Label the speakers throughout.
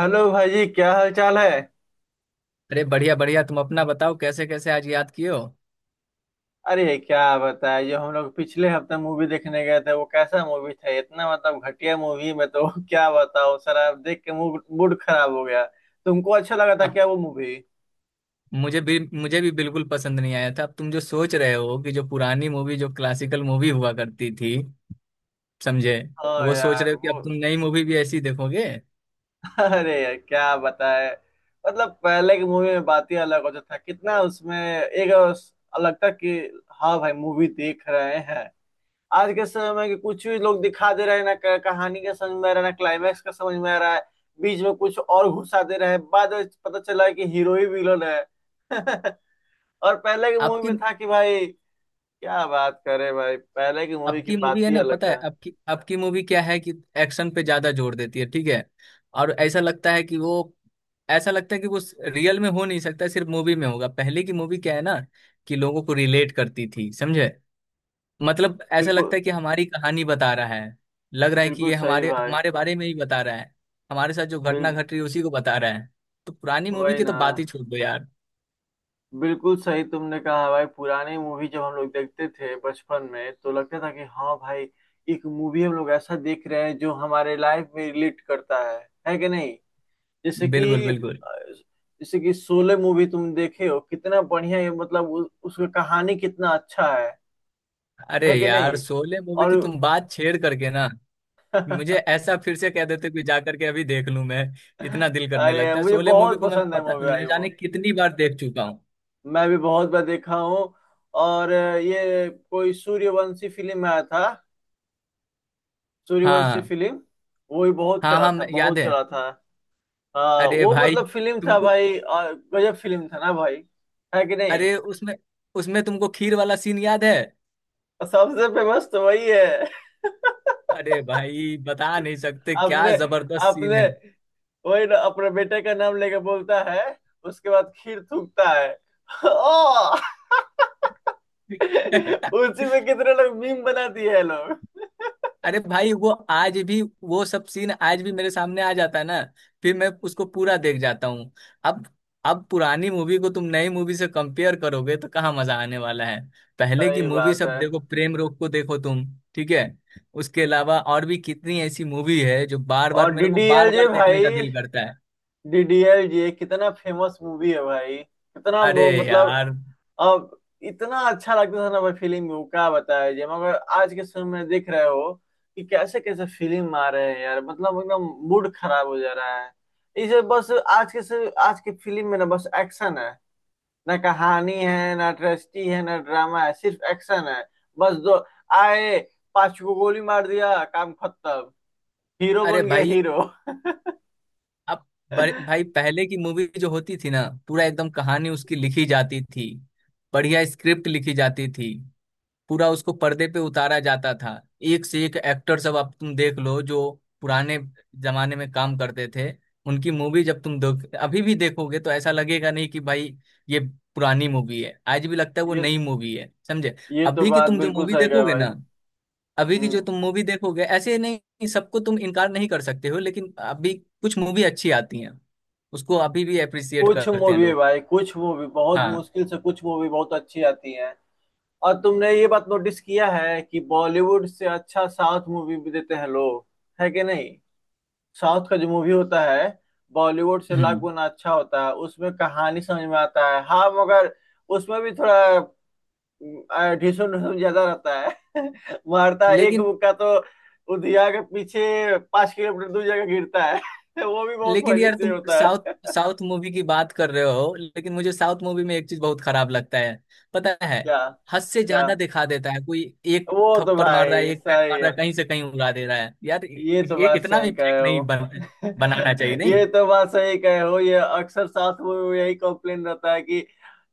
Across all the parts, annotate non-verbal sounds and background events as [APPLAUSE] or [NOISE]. Speaker 1: Hello भाई जी, क्या हाल चाल है?
Speaker 2: अरे बढ़िया बढ़िया। तुम अपना बताओ, कैसे कैसे आज याद किए हो?
Speaker 1: अरे क्या बताए, जो हम लोग पिछले हफ्ते मूवी देखने गए थे वो कैसा मूवी था। इतना मतलब घटिया मूवी में तो [LAUGHS] क्या बताओ, सारा देख के मूड मूड खराब हो गया। तुमको अच्छा लगा था
Speaker 2: अब
Speaker 1: क्या वो मूवी?
Speaker 2: मुझे भी बिल्कुल पसंद नहीं आया था। अब तुम जो सोच रहे हो कि जो पुरानी मूवी, जो क्लासिकल मूवी हुआ करती थी, समझे?
Speaker 1: हाँ
Speaker 2: वो सोच
Speaker 1: यार,
Speaker 2: रहे हो कि
Speaker 1: वो
Speaker 2: अब तुम नई मूवी भी ऐसी देखोगे?
Speaker 1: [LAUGHS] अरे यार क्या बताए। मतलब पहले की मूवी में बात ही अलग होता था। कितना उसमें एक अलग था कि हाँ भाई मूवी देख रहे हैं। आज के समय के कुछ भी लोग दिखा दे रहे हैं। ना कहानी का समझ में आ रहा है ना क्लाइमैक्स का समझ में आ रहा है। बीच में कुछ और घुसा दे रहे हैं, बाद में पता चला है कि हीरो ही विलन है। [LAUGHS] और पहले की मूवी
Speaker 2: आपकी
Speaker 1: में था कि भाई क्या बात करे भाई, पहले की मूवी की
Speaker 2: आपकी मूवी
Speaker 1: बात
Speaker 2: है
Speaker 1: ही
Speaker 2: ना,
Speaker 1: अलग
Speaker 2: पता है
Speaker 1: था।
Speaker 2: आपकी आपकी मूवी क्या है? कि एक्शन पे ज्यादा जोर देती है, ठीक है। और ऐसा लगता है कि वो रियल में हो नहीं सकता, सिर्फ मूवी में होगा। पहले की मूवी क्या है ना, कि लोगों को रिलेट करती थी, समझे? मतलब ऐसा लगता
Speaker 1: बिल्कुल।
Speaker 2: है कि हमारी कहानी बता रहा है। लग रहा है कि
Speaker 1: बिल्कुल
Speaker 2: ये
Speaker 1: सही
Speaker 2: हमारे
Speaker 1: भाई।
Speaker 2: हमारे बारे में ही बता रहा है। हमारे साथ जो घटना
Speaker 1: बिल
Speaker 2: घट रही है उसी को बता रहा है। तो पुरानी मूवी
Speaker 1: वही
Speaker 2: की तो
Speaker 1: ना।
Speaker 2: बात ही छोड़ दो यार।
Speaker 1: बिल्कुल सही तुमने कहा भाई। पुरानी मूवी जब हम लोग देखते थे बचपन में तो लगता था कि हाँ भाई, एक मूवी हम लोग ऐसा देख रहे हैं जो हमारे लाइफ में रिलेट करता है। है कि नहीं? जैसे
Speaker 2: बिल्कुल
Speaker 1: कि अ,
Speaker 2: बिल्कुल।
Speaker 1: जैसे कि शोले मूवी तुम देखे हो। कितना बढ़िया है, मतलब उसका कहानी कितना अच्छा है।
Speaker 2: अरे
Speaker 1: है कि
Speaker 2: यार,
Speaker 1: नहीं?
Speaker 2: शोले मूवी
Speaker 1: और
Speaker 2: की तुम बात छेड़ करके ना, मुझे
Speaker 1: [LAUGHS]
Speaker 2: ऐसा फिर से कह देते कि जा करके अभी देख लूं मैं। इतना दिल करने
Speaker 1: अरे
Speaker 2: लगता है।
Speaker 1: मुझे
Speaker 2: शोले मूवी
Speaker 1: बहुत
Speaker 2: को मैं
Speaker 1: पसंद है
Speaker 2: पता
Speaker 1: मूवी,
Speaker 2: न
Speaker 1: आई वो।
Speaker 2: जाने कितनी बार देख चुका हूँ।
Speaker 1: मैं भी बहुत बार देखा हूँ। और ये कोई सूर्यवंशी फिल्म में आया था। सूर्यवंशी
Speaker 2: हाँ
Speaker 1: फिल्म। वो भी बहुत
Speaker 2: हाँ
Speaker 1: चला
Speaker 2: हाँ,
Speaker 1: था,
Speaker 2: याद
Speaker 1: बहुत
Speaker 2: है।
Speaker 1: चला था। हाँ
Speaker 2: अरे
Speaker 1: वो
Speaker 2: भाई
Speaker 1: मतलब फिल्म था
Speaker 2: तुमको,
Speaker 1: भाई, और गजब फिल्म था ना भाई। है कि नहीं?
Speaker 2: अरे उसमें उसमें तुमको खीर वाला सीन याद है?
Speaker 1: और सबसे फेमस तो वही है। [LAUGHS]
Speaker 2: अरे भाई बता नहीं सकते क्या
Speaker 1: आपने
Speaker 2: जबरदस्त सीन
Speaker 1: आपने
Speaker 2: है।
Speaker 1: वही ना, अपने बेटे का नाम लेके बोलता है। उसके बाद खीर थूकता है। [LAUGHS] ओ, उसी
Speaker 2: [LAUGHS]
Speaker 1: में कितने लोग मीम बना दिए हैं लोग।
Speaker 2: अरे भाई वो आज भी, वो सब सीन आज भी मेरे सामने आ जाता है ना, फिर मैं उसको पूरा देख जाता हूँ। अब अब पुरानी मूवी को तुम नई मूवी से कंपेयर करोगे तो कहाँ मजा आने वाला है? पहले की
Speaker 1: सही
Speaker 2: मूवी
Speaker 1: बात
Speaker 2: सब
Speaker 1: है।
Speaker 2: देखो, प्रेम रोग को देखो तुम, ठीक है। उसके अलावा और भी कितनी ऐसी मूवी है जो बार बार
Speaker 1: और
Speaker 2: मेरे को बार
Speaker 1: डीडीएलजे
Speaker 2: बार देखने
Speaker 1: भाई।
Speaker 2: का दिल करता है।
Speaker 1: डीडीएलजे कितना फेमस मूवी है भाई। कितना
Speaker 2: अरे
Speaker 1: मतलब
Speaker 2: यार,
Speaker 1: अब। इतना अच्छा लगता था ना भाई फिल्म में, वो क्या बताया जी। मगर आज के समय में देख रहे हो कि कैसे कैसे फिल्म आ रहे हैं यार, मतलब एकदम मूड खराब हो जा रहा है। इसे बस आज के से आज की फिल्म में ना बस एक्शन है, ना कहानी है, ना ट्रेस्टी है, ना ड्रामा है, सिर्फ एक्शन है। बस दो आए, पांच को गोली मार दिया, काम खत्म। हीरो
Speaker 2: अरे
Speaker 1: बन गया
Speaker 2: भाई,
Speaker 1: हीरो।
Speaker 2: अब
Speaker 1: [LAUGHS]
Speaker 2: भाई, पहले की मूवी जो होती थी ना, पूरा एकदम कहानी उसकी लिखी जाती थी, बढ़िया स्क्रिप्ट लिखी जाती थी, पूरा उसको पर्दे पे उतारा जाता था। एक से एक एक्टर सब, अब तुम देख लो जो पुराने जमाने में काम करते थे, उनकी मूवी जब तुम देख, अभी भी देखोगे तो ऐसा लगेगा नहीं कि भाई ये पुरानी मूवी है, आज भी लगता है वो
Speaker 1: ये
Speaker 2: नई मूवी है, समझे?
Speaker 1: ये तो
Speaker 2: अभी की
Speaker 1: बात
Speaker 2: तुम जो
Speaker 1: बिल्कुल
Speaker 2: मूवी
Speaker 1: सही कहे
Speaker 2: देखोगे
Speaker 1: भाई।
Speaker 2: ना, अभी की जो
Speaker 1: हम्म
Speaker 2: तुम मूवी देखोगे, ऐसे नहीं सबको तुम इनकार नहीं कर सकते हो, लेकिन अभी कुछ मूवी अच्छी आती हैं, उसको अभी भी अप्रिसिएट
Speaker 1: कुछ
Speaker 2: करते हैं
Speaker 1: मूवी
Speaker 2: लोग।
Speaker 1: भाई, कुछ मूवी बहुत
Speaker 2: हाँ।
Speaker 1: मुश्किल से, कुछ मूवी बहुत अच्छी आती है। और तुमने ये बात नोटिस किया है कि बॉलीवुड से अच्छा साउथ मूवी भी देते हैं लोग। है कि नहीं? साउथ का जो मूवी होता है बॉलीवुड से लाख
Speaker 2: हम्म।
Speaker 1: गुना अच्छा होता है। उसमें कहानी समझ में आता है। हाँ मगर उसमें भी थोड़ा ढिसुम ढुसुम ज्यादा रहता है। [LAUGHS] मारता है एक
Speaker 2: लेकिन
Speaker 1: मुक्का तो उधिया के पीछे 5 किलोमीटर दूर जगह गिरता है। [LAUGHS] वो भी बहुत
Speaker 2: लेकिन
Speaker 1: मजे
Speaker 2: यार,
Speaker 1: से
Speaker 2: तुम
Speaker 1: होता
Speaker 2: साउथ
Speaker 1: है। [LAUGHS]
Speaker 2: साउथ मूवी की बात कर रहे हो, लेकिन मुझे साउथ मूवी में एक चीज बहुत खराब लगता है, पता है?
Speaker 1: क्या?
Speaker 2: हद से
Speaker 1: क्या?
Speaker 2: ज्यादा दिखा देता है। कोई एक
Speaker 1: वो तो
Speaker 2: थप्पड़ मार रहा है,
Speaker 1: भाई
Speaker 2: एक पैट
Speaker 1: सही
Speaker 2: मार
Speaker 1: है।
Speaker 2: रहा है, कहीं से कहीं उड़ा दे रहा है, यार
Speaker 1: ये तो
Speaker 2: ये
Speaker 1: बात
Speaker 2: इतना
Speaker 1: सही
Speaker 2: भी
Speaker 1: कहे
Speaker 2: फेक नहीं
Speaker 1: हो।
Speaker 2: बनाना चाहिए
Speaker 1: [LAUGHS] ये
Speaker 2: नहीं।
Speaker 1: तो बात सही कहे हो, ये अक्सर साथ में यही कंप्लेन रहता है कि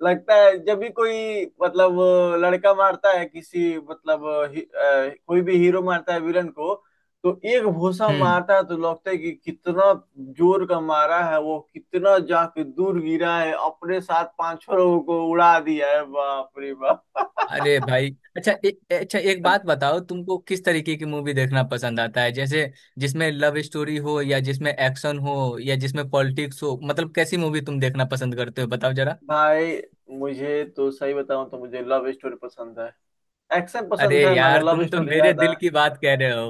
Speaker 1: लगता है, जब भी कोई मतलब लड़का मारता है किसी मतलब कोई भी हीरो मारता है विलन को। तो एक भूसा
Speaker 2: हम्म।
Speaker 1: मारता है तो लगता है कि कितना जोर का मारा है, वो कितना जाके दूर गिरा है, अपने साथ पांचों लोगों को उड़ा दिया है। बाप रे बाप। [LAUGHS]
Speaker 2: अरे भाई, अच्छा ए, ए- अच्छा एक बात बताओ, तुमको किस तरीके की मूवी देखना पसंद आता है? जैसे जिसमें लव स्टोरी हो, या जिसमें एक्शन हो, या जिसमें पॉलिटिक्स हो, मतलब कैसी मूवी तुम देखना पसंद करते हो, बताओ जरा।
Speaker 1: भाई मुझे तो सही बताऊं तो मुझे लव स्टोरी पसंद है। एक्शन
Speaker 2: अरे
Speaker 1: पसंद है, मगर
Speaker 2: यार, तुम
Speaker 1: लव
Speaker 2: तो
Speaker 1: स्टोरी
Speaker 2: मेरे
Speaker 1: ज्यादा
Speaker 2: दिल की बात कह रहे हो।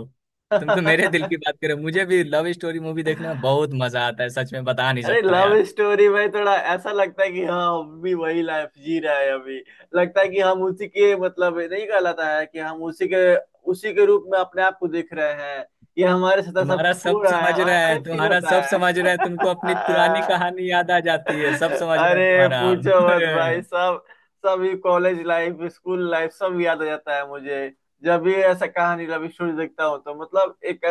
Speaker 2: तुम तो मेरे दिल
Speaker 1: है।
Speaker 2: की बात कह रहे हो। मुझे भी लव स्टोरी मूवी देखने में बहुत
Speaker 1: [LAUGHS]
Speaker 2: मजा आता है, सच में बता नहीं
Speaker 1: अरे
Speaker 2: सकता
Speaker 1: लव
Speaker 2: यार।
Speaker 1: स्टोरी में थोड़ा ऐसा लगता है कि हाँ हम भी वही लाइफ जी रहे हैं अभी। लगता है कि हम उसी के, मतलब नहीं कहलाता है कि हम उसी के रूप में अपने आप को देख रहे हैं। ये हमारे साथ सब
Speaker 2: तुम्हारा
Speaker 1: हो
Speaker 2: सब
Speaker 1: रहा है
Speaker 2: समझ
Speaker 1: और
Speaker 2: रहा
Speaker 1: ऐसा
Speaker 2: है,
Speaker 1: ही फील
Speaker 2: तुम्हारा
Speaker 1: होता
Speaker 2: सब समझ रहा है, तुमको अपनी पुरानी
Speaker 1: है। [LAUGHS]
Speaker 2: कहानी याद आ जाती है, सब समझ रहा है
Speaker 1: अरे पूछो मत भाई,
Speaker 2: तुम्हारा। [LAUGHS]
Speaker 1: सब सभी कॉलेज लाइफ स्कूल लाइफ सब याद आ जाता है मुझे। जब भी ऐसा कहानी रवि सूर्य देखता हूँ तो मतलब एक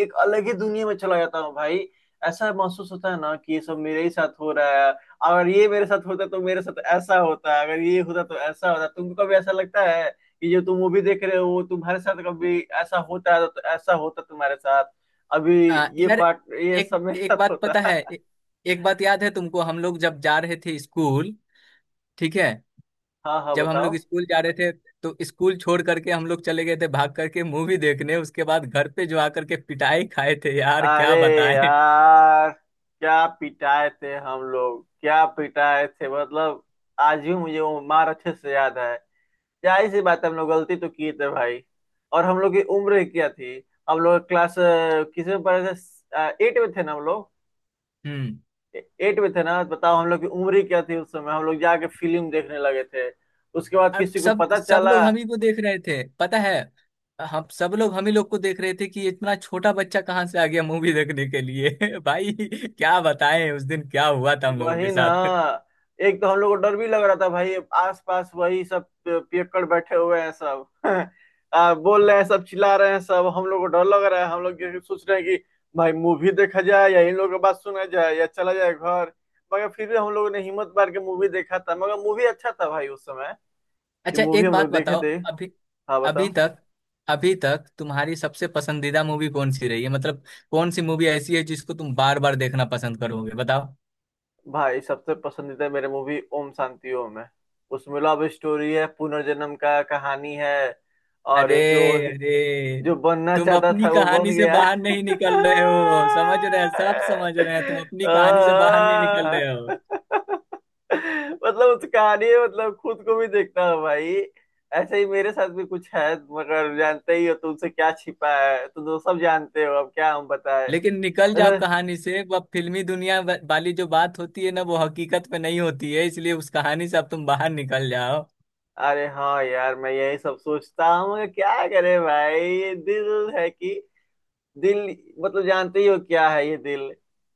Speaker 1: एक अलग ही दुनिया में चला जाता हूँ भाई। ऐसा महसूस होता है ना कि ये सब मेरे ही साथ हो रहा है। अगर ये मेरे साथ होता तो मेरे साथ ऐसा होता, अगर ये होता तो ऐसा होता। तुमको कभी ऐसा लगता है कि जो तुम मूवी देख रहे हो वो तुम्हारे साथ कभी ऐसा होता है? तो ऐसा होता तुम्हारे साथ अभी। ये
Speaker 2: यार,
Speaker 1: पार्ट, ये
Speaker 2: एक
Speaker 1: सब मेरे
Speaker 2: एक
Speaker 1: साथ
Speaker 2: बात
Speaker 1: होता
Speaker 2: पता है,
Speaker 1: है।
Speaker 2: एक बात याद है तुमको? हम लोग जब जा रहे थे स्कूल, ठीक है?
Speaker 1: हाँ, हाँ,
Speaker 2: जब हम
Speaker 1: बताओ।
Speaker 2: लोग स्कूल जा रहे थे, तो स्कूल छोड़ करके हम लोग चले गए थे भाग करके मूवी देखने, उसके बाद घर पे जो आकर के पिटाई खाए थे यार, क्या
Speaker 1: अरे
Speaker 2: बताएं।
Speaker 1: यार क्या पिटाए थे हम लोग, क्या पिटाए थे मतलब। आज भी मुझे वो मार अच्छे से याद है। जाहिर सी बात है, हम लोग गलती तो किए थे भाई। और हम लोग की उम्र क्या थी? हम लोग क्लास किसी में पढ़े थे, 8 में थे ना हम लोग।
Speaker 2: हम्म।
Speaker 1: 8 में थे ना, बताओ। हम लोग की उम्र ही क्या थी? उस समय हम लोग जाके फिल्म देखने लगे थे। उसके बाद
Speaker 2: और
Speaker 1: किसी को
Speaker 2: सब
Speaker 1: पता
Speaker 2: सब
Speaker 1: चला।
Speaker 2: लोग हम ही को देख रहे थे पता है? हम, सब लोग हम ही लोग को देख रहे थे कि इतना छोटा बच्चा कहाँ से आ गया मूवी देखने के लिए, [LAUGHS] भाई क्या बताएं उस दिन क्या हुआ था हम लोगों
Speaker 1: वही
Speaker 2: के
Speaker 1: ना।
Speaker 2: साथ।
Speaker 1: एक तो हम लोग को डर भी लग रहा था भाई, आस पास वही सब पियक्कड़ बैठे हुए हैं सब। [LAUGHS] बोल रहे हैं सब, चिल्ला रहे हैं सब, हम लोग को डर लग रहा है। हम लोग ये सोच रहे हैं कि भाई मूवी देखा जाए या इन लोगों की बात सुना जाए या चला जाए घर। मगर फिर भी हम लोगों ने हिम्मत मार के मूवी देखा था। मगर मूवी अच्छा था भाई उस समय। ये
Speaker 2: अच्छा
Speaker 1: मूवी
Speaker 2: एक
Speaker 1: हम लोग
Speaker 2: बात
Speaker 1: देखे
Speaker 2: बताओ,
Speaker 1: थे।
Speaker 2: अभी
Speaker 1: हाँ
Speaker 2: अभी
Speaker 1: बताओ।
Speaker 2: तक अभी तक तुम्हारी सबसे पसंदीदा मूवी कौन सी रही है, मतलब कौन सी मूवी ऐसी है जिसको तुम बार बार देखना पसंद करोगे, बताओ?
Speaker 1: भाई सबसे पसंदीदा मेरे मूवी ओम शांति ओम है। उसमें लव स्टोरी है, पुनर्जन्म का कहानी है।
Speaker 2: अरे,
Speaker 1: और जो
Speaker 2: अरे,
Speaker 1: जो बनना
Speaker 2: तुम
Speaker 1: चाहता
Speaker 2: अपनी
Speaker 1: था वो बन
Speaker 2: कहानी से
Speaker 1: गया।
Speaker 2: बाहर नहीं निकल रहे हो, समझ रहे हैं, सब समझ रहे हैं, तुम अपनी कहानी से बाहर नहीं निकल
Speaker 1: आह।
Speaker 2: रहे हो।
Speaker 1: मतलब उस कहानी में मतलब खुद को भी देखता हूँ भाई। ऐसे ही मेरे साथ भी कुछ है, मगर जानते ही हो, तुमसे क्या छिपा है। तुम तो सब जानते हो, अब क्या हम बताए।
Speaker 2: लेकिन निकल जाओ
Speaker 1: वैसे।
Speaker 2: कहानी से, वह फिल्मी दुनिया वाली जो बात होती है ना, वो हकीकत पे नहीं होती है, इसलिए उस कहानी से अब तुम बाहर निकल जाओ।
Speaker 1: अरे हाँ यार, मैं यही सब सोचता हूँ मगर क्या करे भाई, दिल है कि दिल। मतलब जानते ही हो क्या है ये दिल।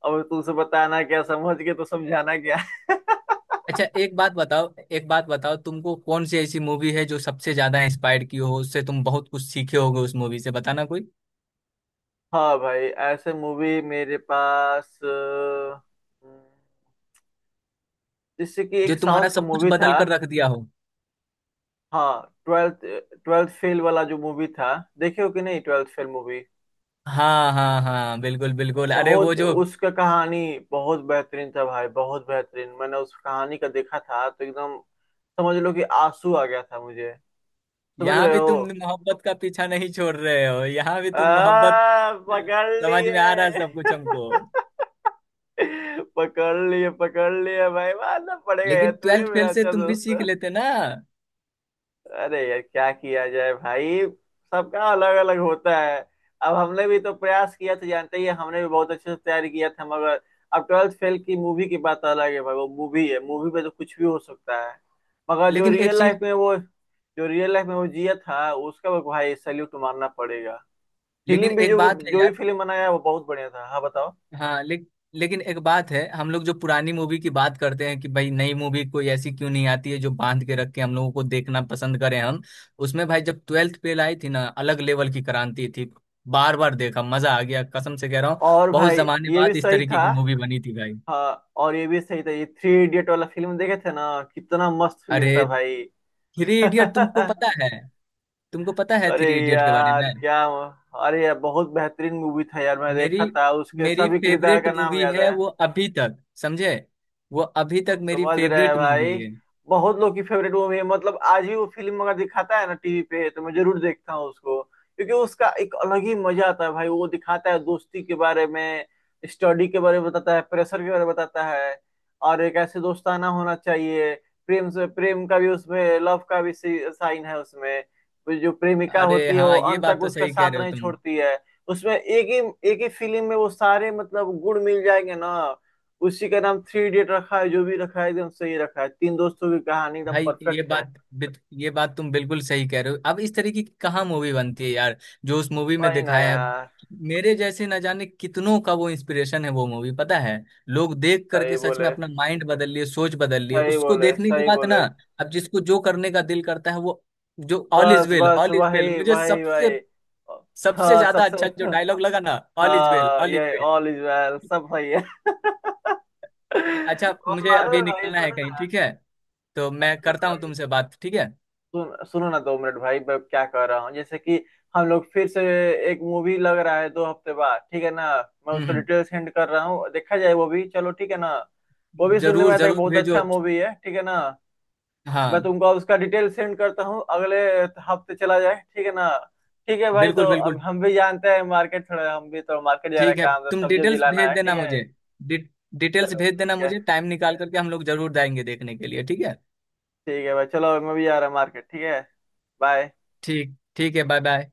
Speaker 1: अब तुमसे बताना क्या, समझ के तो समझाना क्या।
Speaker 2: अच्छा एक बात बताओ, एक बात बताओ, तुमको कौन सी ऐसी मूवी है जो सबसे ज्यादा इंस्पायर की हो, उससे तुम बहुत कुछ सीखे होगे, उस मूवी से बताना, कोई
Speaker 1: हाँ भाई ऐसे मूवी मेरे पास जैसे कि
Speaker 2: जो
Speaker 1: एक साउथ
Speaker 2: तुम्हारा
Speaker 1: का
Speaker 2: सब कुछ
Speaker 1: मूवी था।
Speaker 2: बदल कर रख दिया हो।
Speaker 1: हाँ ट्वेल्थ ट्वेल्थ फेल वाला जो मूवी था। देखे हो कि नहीं ट्वेल्थ फेल मूवी?
Speaker 2: हाँ हाँ हाँ, बिल्कुल बिल्कुल। अरे वो
Speaker 1: बहुत
Speaker 2: जो,
Speaker 1: उसका कहानी बहुत बेहतरीन था भाई, बहुत बेहतरीन। मैंने उस कहानी का देखा था तो एकदम, समझ लो कि आंसू आ गया था मुझे। समझ
Speaker 2: यहाँ
Speaker 1: रहे
Speaker 2: भी
Speaker 1: हो?
Speaker 2: तुम मोहब्बत का पीछा नहीं छोड़ रहे हो, यहाँ भी तुम मोहब्बत।
Speaker 1: पकड़
Speaker 2: समझ में आ रहा है
Speaker 1: लिए।
Speaker 2: सब कुछ हमको।
Speaker 1: [LAUGHS] पकड़ लिए, पकड़ लिए भाई। मानना पड़ेगा यार,
Speaker 2: लेकिन
Speaker 1: तू ही
Speaker 2: ट्वेल्थ
Speaker 1: मेरा
Speaker 2: फेल से
Speaker 1: अच्छा
Speaker 2: तुम भी
Speaker 1: दोस्त
Speaker 2: सीख
Speaker 1: है।
Speaker 2: लेते ना।
Speaker 1: अरे यार क्या किया जाए भाई, सबका अलग अलग होता है। अब हमने भी तो प्रयास किया था, जानते ही हैं, हमने भी बहुत अच्छे से तैयारी किया था मगर। अब ट्वेल्थ फेल की मूवी की बात अलग है भाई। वो मूवी है, मूवी पे तो कुछ भी हो सकता है। मगर जो
Speaker 2: लेकिन एक
Speaker 1: रियल लाइफ
Speaker 2: चीज,
Speaker 1: में वो, जो रियल लाइफ में वो जिया था, उसका भाई सैल्यूट मारना पड़ेगा।
Speaker 2: लेकिन
Speaker 1: फिल्म भी
Speaker 2: एक
Speaker 1: जो
Speaker 2: बात है
Speaker 1: जो भी
Speaker 2: यार,
Speaker 1: फिल्म बनाया वो बहुत बढ़िया था। हाँ बताओ।
Speaker 2: हाँ ले, लेकिन एक बात है, हम लोग जो पुरानी मूवी की बात करते हैं कि भाई नई मूवी कोई ऐसी क्यों नहीं आती है जो बांध के रख के हम लोगों को देखना पसंद करें हम, उसमें भाई जब ट्वेल्थ फेल आई थी ना, अलग लेवल की क्रांति थी। बार बार देखा, मजा आ गया, कसम से कह रहा हूँ।
Speaker 1: और
Speaker 2: बहुत
Speaker 1: भाई,
Speaker 2: जमाने
Speaker 1: ये भी
Speaker 2: बाद इस
Speaker 1: सही था।
Speaker 2: तरीके की मूवी बनी थी भाई।
Speaker 1: हाँ, और ये भी सही था। ये थ्री इडियट वाला फिल्म देखे थे ना, कितना मस्त फिल्म
Speaker 2: अरे,
Speaker 1: था भाई।
Speaker 2: थ्री
Speaker 1: [LAUGHS]
Speaker 2: इडियट तुमको पता है? तुमको पता है
Speaker 1: अरे
Speaker 2: थ्री इडियट के बारे में?
Speaker 1: यार क्या अरे यार बहुत बेहतरीन मूवी था यार। मैं
Speaker 2: मेरी
Speaker 1: देखा था, उसके
Speaker 2: मेरी
Speaker 1: सभी किरदार
Speaker 2: फेवरेट
Speaker 1: का नाम
Speaker 2: मूवी
Speaker 1: याद
Speaker 2: है
Speaker 1: है।
Speaker 2: वो अभी तक, समझे? वो अभी
Speaker 1: हम
Speaker 2: तक मेरी
Speaker 1: समझ रहे हैं
Speaker 2: फेवरेट मूवी
Speaker 1: भाई।
Speaker 2: है।
Speaker 1: बहुत लोग की फेवरेट मूवी है, मतलब आज भी वो फिल्म अगर दिखाता है ना टीवी पे तो मैं जरूर देखता हूँ उसको, क्योंकि उसका एक अलग ही मजा आता है भाई। वो दिखाता है दोस्ती के बारे में, स्टडी के बारे में बताता है, प्रेशर के बारे में बताता है। और एक ऐसे दोस्ताना होना चाहिए। प्रेम से, प्रेम का भी उसमें, लव का भी साइन है उसमें। वो जो प्रेमिका
Speaker 2: अरे
Speaker 1: होती है वो
Speaker 2: हाँ, ये
Speaker 1: अंत
Speaker 2: बात
Speaker 1: तक
Speaker 2: तो
Speaker 1: उसका
Speaker 2: सही कह
Speaker 1: साथ
Speaker 2: रहे हो
Speaker 1: नहीं
Speaker 2: तुम।
Speaker 1: छोड़ती है। उसमें एक ही फिल्म में वो सारे मतलब गुण मिल जाएंगे ना। उसी का नाम थ्री इडियट रखा है, जो भी रखा है एकदम सही रखा है। तीन दोस्तों की कहानी एकदम
Speaker 2: भाई ये
Speaker 1: परफेक्ट है।
Speaker 2: बात ये बात तुम बिल्कुल सही कह रहे हो, अब इस तरीके की कहाँ मूवी बनती है यार, जो उस मूवी में
Speaker 1: वही ना
Speaker 2: दिखाया है।
Speaker 1: यार।
Speaker 2: मेरे जैसे न जाने कितनों का वो इंस्पिरेशन है वो मूवी, पता है? लोग देख
Speaker 1: सही
Speaker 2: करके सच में
Speaker 1: बोले,
Speaker 2: अपना माइंड बदल लिए, सोच बदल लिए
Speaker 1: सही
Speaker 2: उसको
Speaker 1: बोले,
Speaker 2: देखने के
Speaker 1: सही
Speaker 2: बाद ना।
Speaker 1: बोले।
Speaker 2: अब जिसको जो करने का दिल करता है वो, जो ऑल इज
Speaker 1: बस,
Speaker 2: वेल
Speaker 1: बस,
Speaker 2: ऑल इज वेल,
Speaker 1: वही,
Speaker 2: मुझे
Speaker 1: वही,
Speaker 2: सबसे
Speaker 1: वही।
Speaker 2: सबसे
Speaker 1: हाँ,
Speaker 2: ज्यादा
Speaker 1: सबसे।
Speaker 2: अच्छा जो डायलॉग लगा ना, ऑल इज वेल
Speaker 1: हाँ,
Speaker 2: ऑल इज
Speaker 1: ये
Speaker 2: वेल।
Speaker 1: ऑल इज वेल सब सही है। [LAUGHS]
Speaker 2: अच्छा
Speaker 1: और
Speaker 2: मुझे
Speaker 1: मालूम
Speaker 2: अभी
Speaker 1: है भाई,
Speaker 2: निकलना है
Speaker 1: सुनो
Speaker 2: कहीं,
Speaker 1: ना,
Speaker 2: ठीक है? तो मैं
Speaker 1: सुनो ना
Speaker 2: करता हूँ
Speaker 1: भाई।
Speaker 2: तुमसे बात, ठीक है।
Speaker 1: सुनो ना 2 मिनट भाई, मैं क्या कह रहा हूँ, जैसे कि हम लोग फिर से एक मूवी लग रहा है 2 हफ्ते बाद, ठीक है ना? मैं उसका
Speaker 2: हम्म।
Speaker 1: डिटेल सेंड कर रहा हूँ, देखा जाए वो भी, चलो ठीक है ना। वो भी सुनने में
Speaker 2: जरूर
Speaker 1: आता है कि
Speaker 2: जरूर
Speaker 1: बहुत
Speaker 2: भेजो।
Speaker 1: अच्छा मूवी है, ठीक है ना? मैं
Speaker 2: हाँ।
Speaker 1: तुमको उसका डिटेल सेंड करता हूँ, अगले हफ्ते चला जाए, ठीक है ना? ठीक है भाई, तो
Speaker 2: बिल्कुल
Speaker 1: अब
Speaker 2: बिल्कुल।
Speaker 1: हम भी जानते हैं, मार्केट थोड़ा, हम भी तो मार्केट जा रहे
Speaker 2: ठीक
Speaker 1: हैं,
Speaker 2: है,
Speaker 1: काम तो
Speaker 2: तुम
Speaker 1: सब्जी उब्जी
Speaker 2: डिटेल्स
Speaker 1: लाना
Speaker 2: भेज
Speaker 1: है। ठीक
Speaker 2: देना
Speaker 1: है।
Speaker 2: मुझे, डि, डिटेल्स
Speaker 1: चलो
Speaker 2: भेज देना
Speaker 1: ठीक है।
Speaker 2: मुझे, टाइम निकाल करके हम लोग जरूर जाएंगे देखने के लिए, ठीक है?
Speaker 1: ठीक है भाई, चलो मैं भी जा रहा हूँ मार्केट। ठीक है। बाय।
Speaker 2: ठीक ठीक है, बाय। बाय।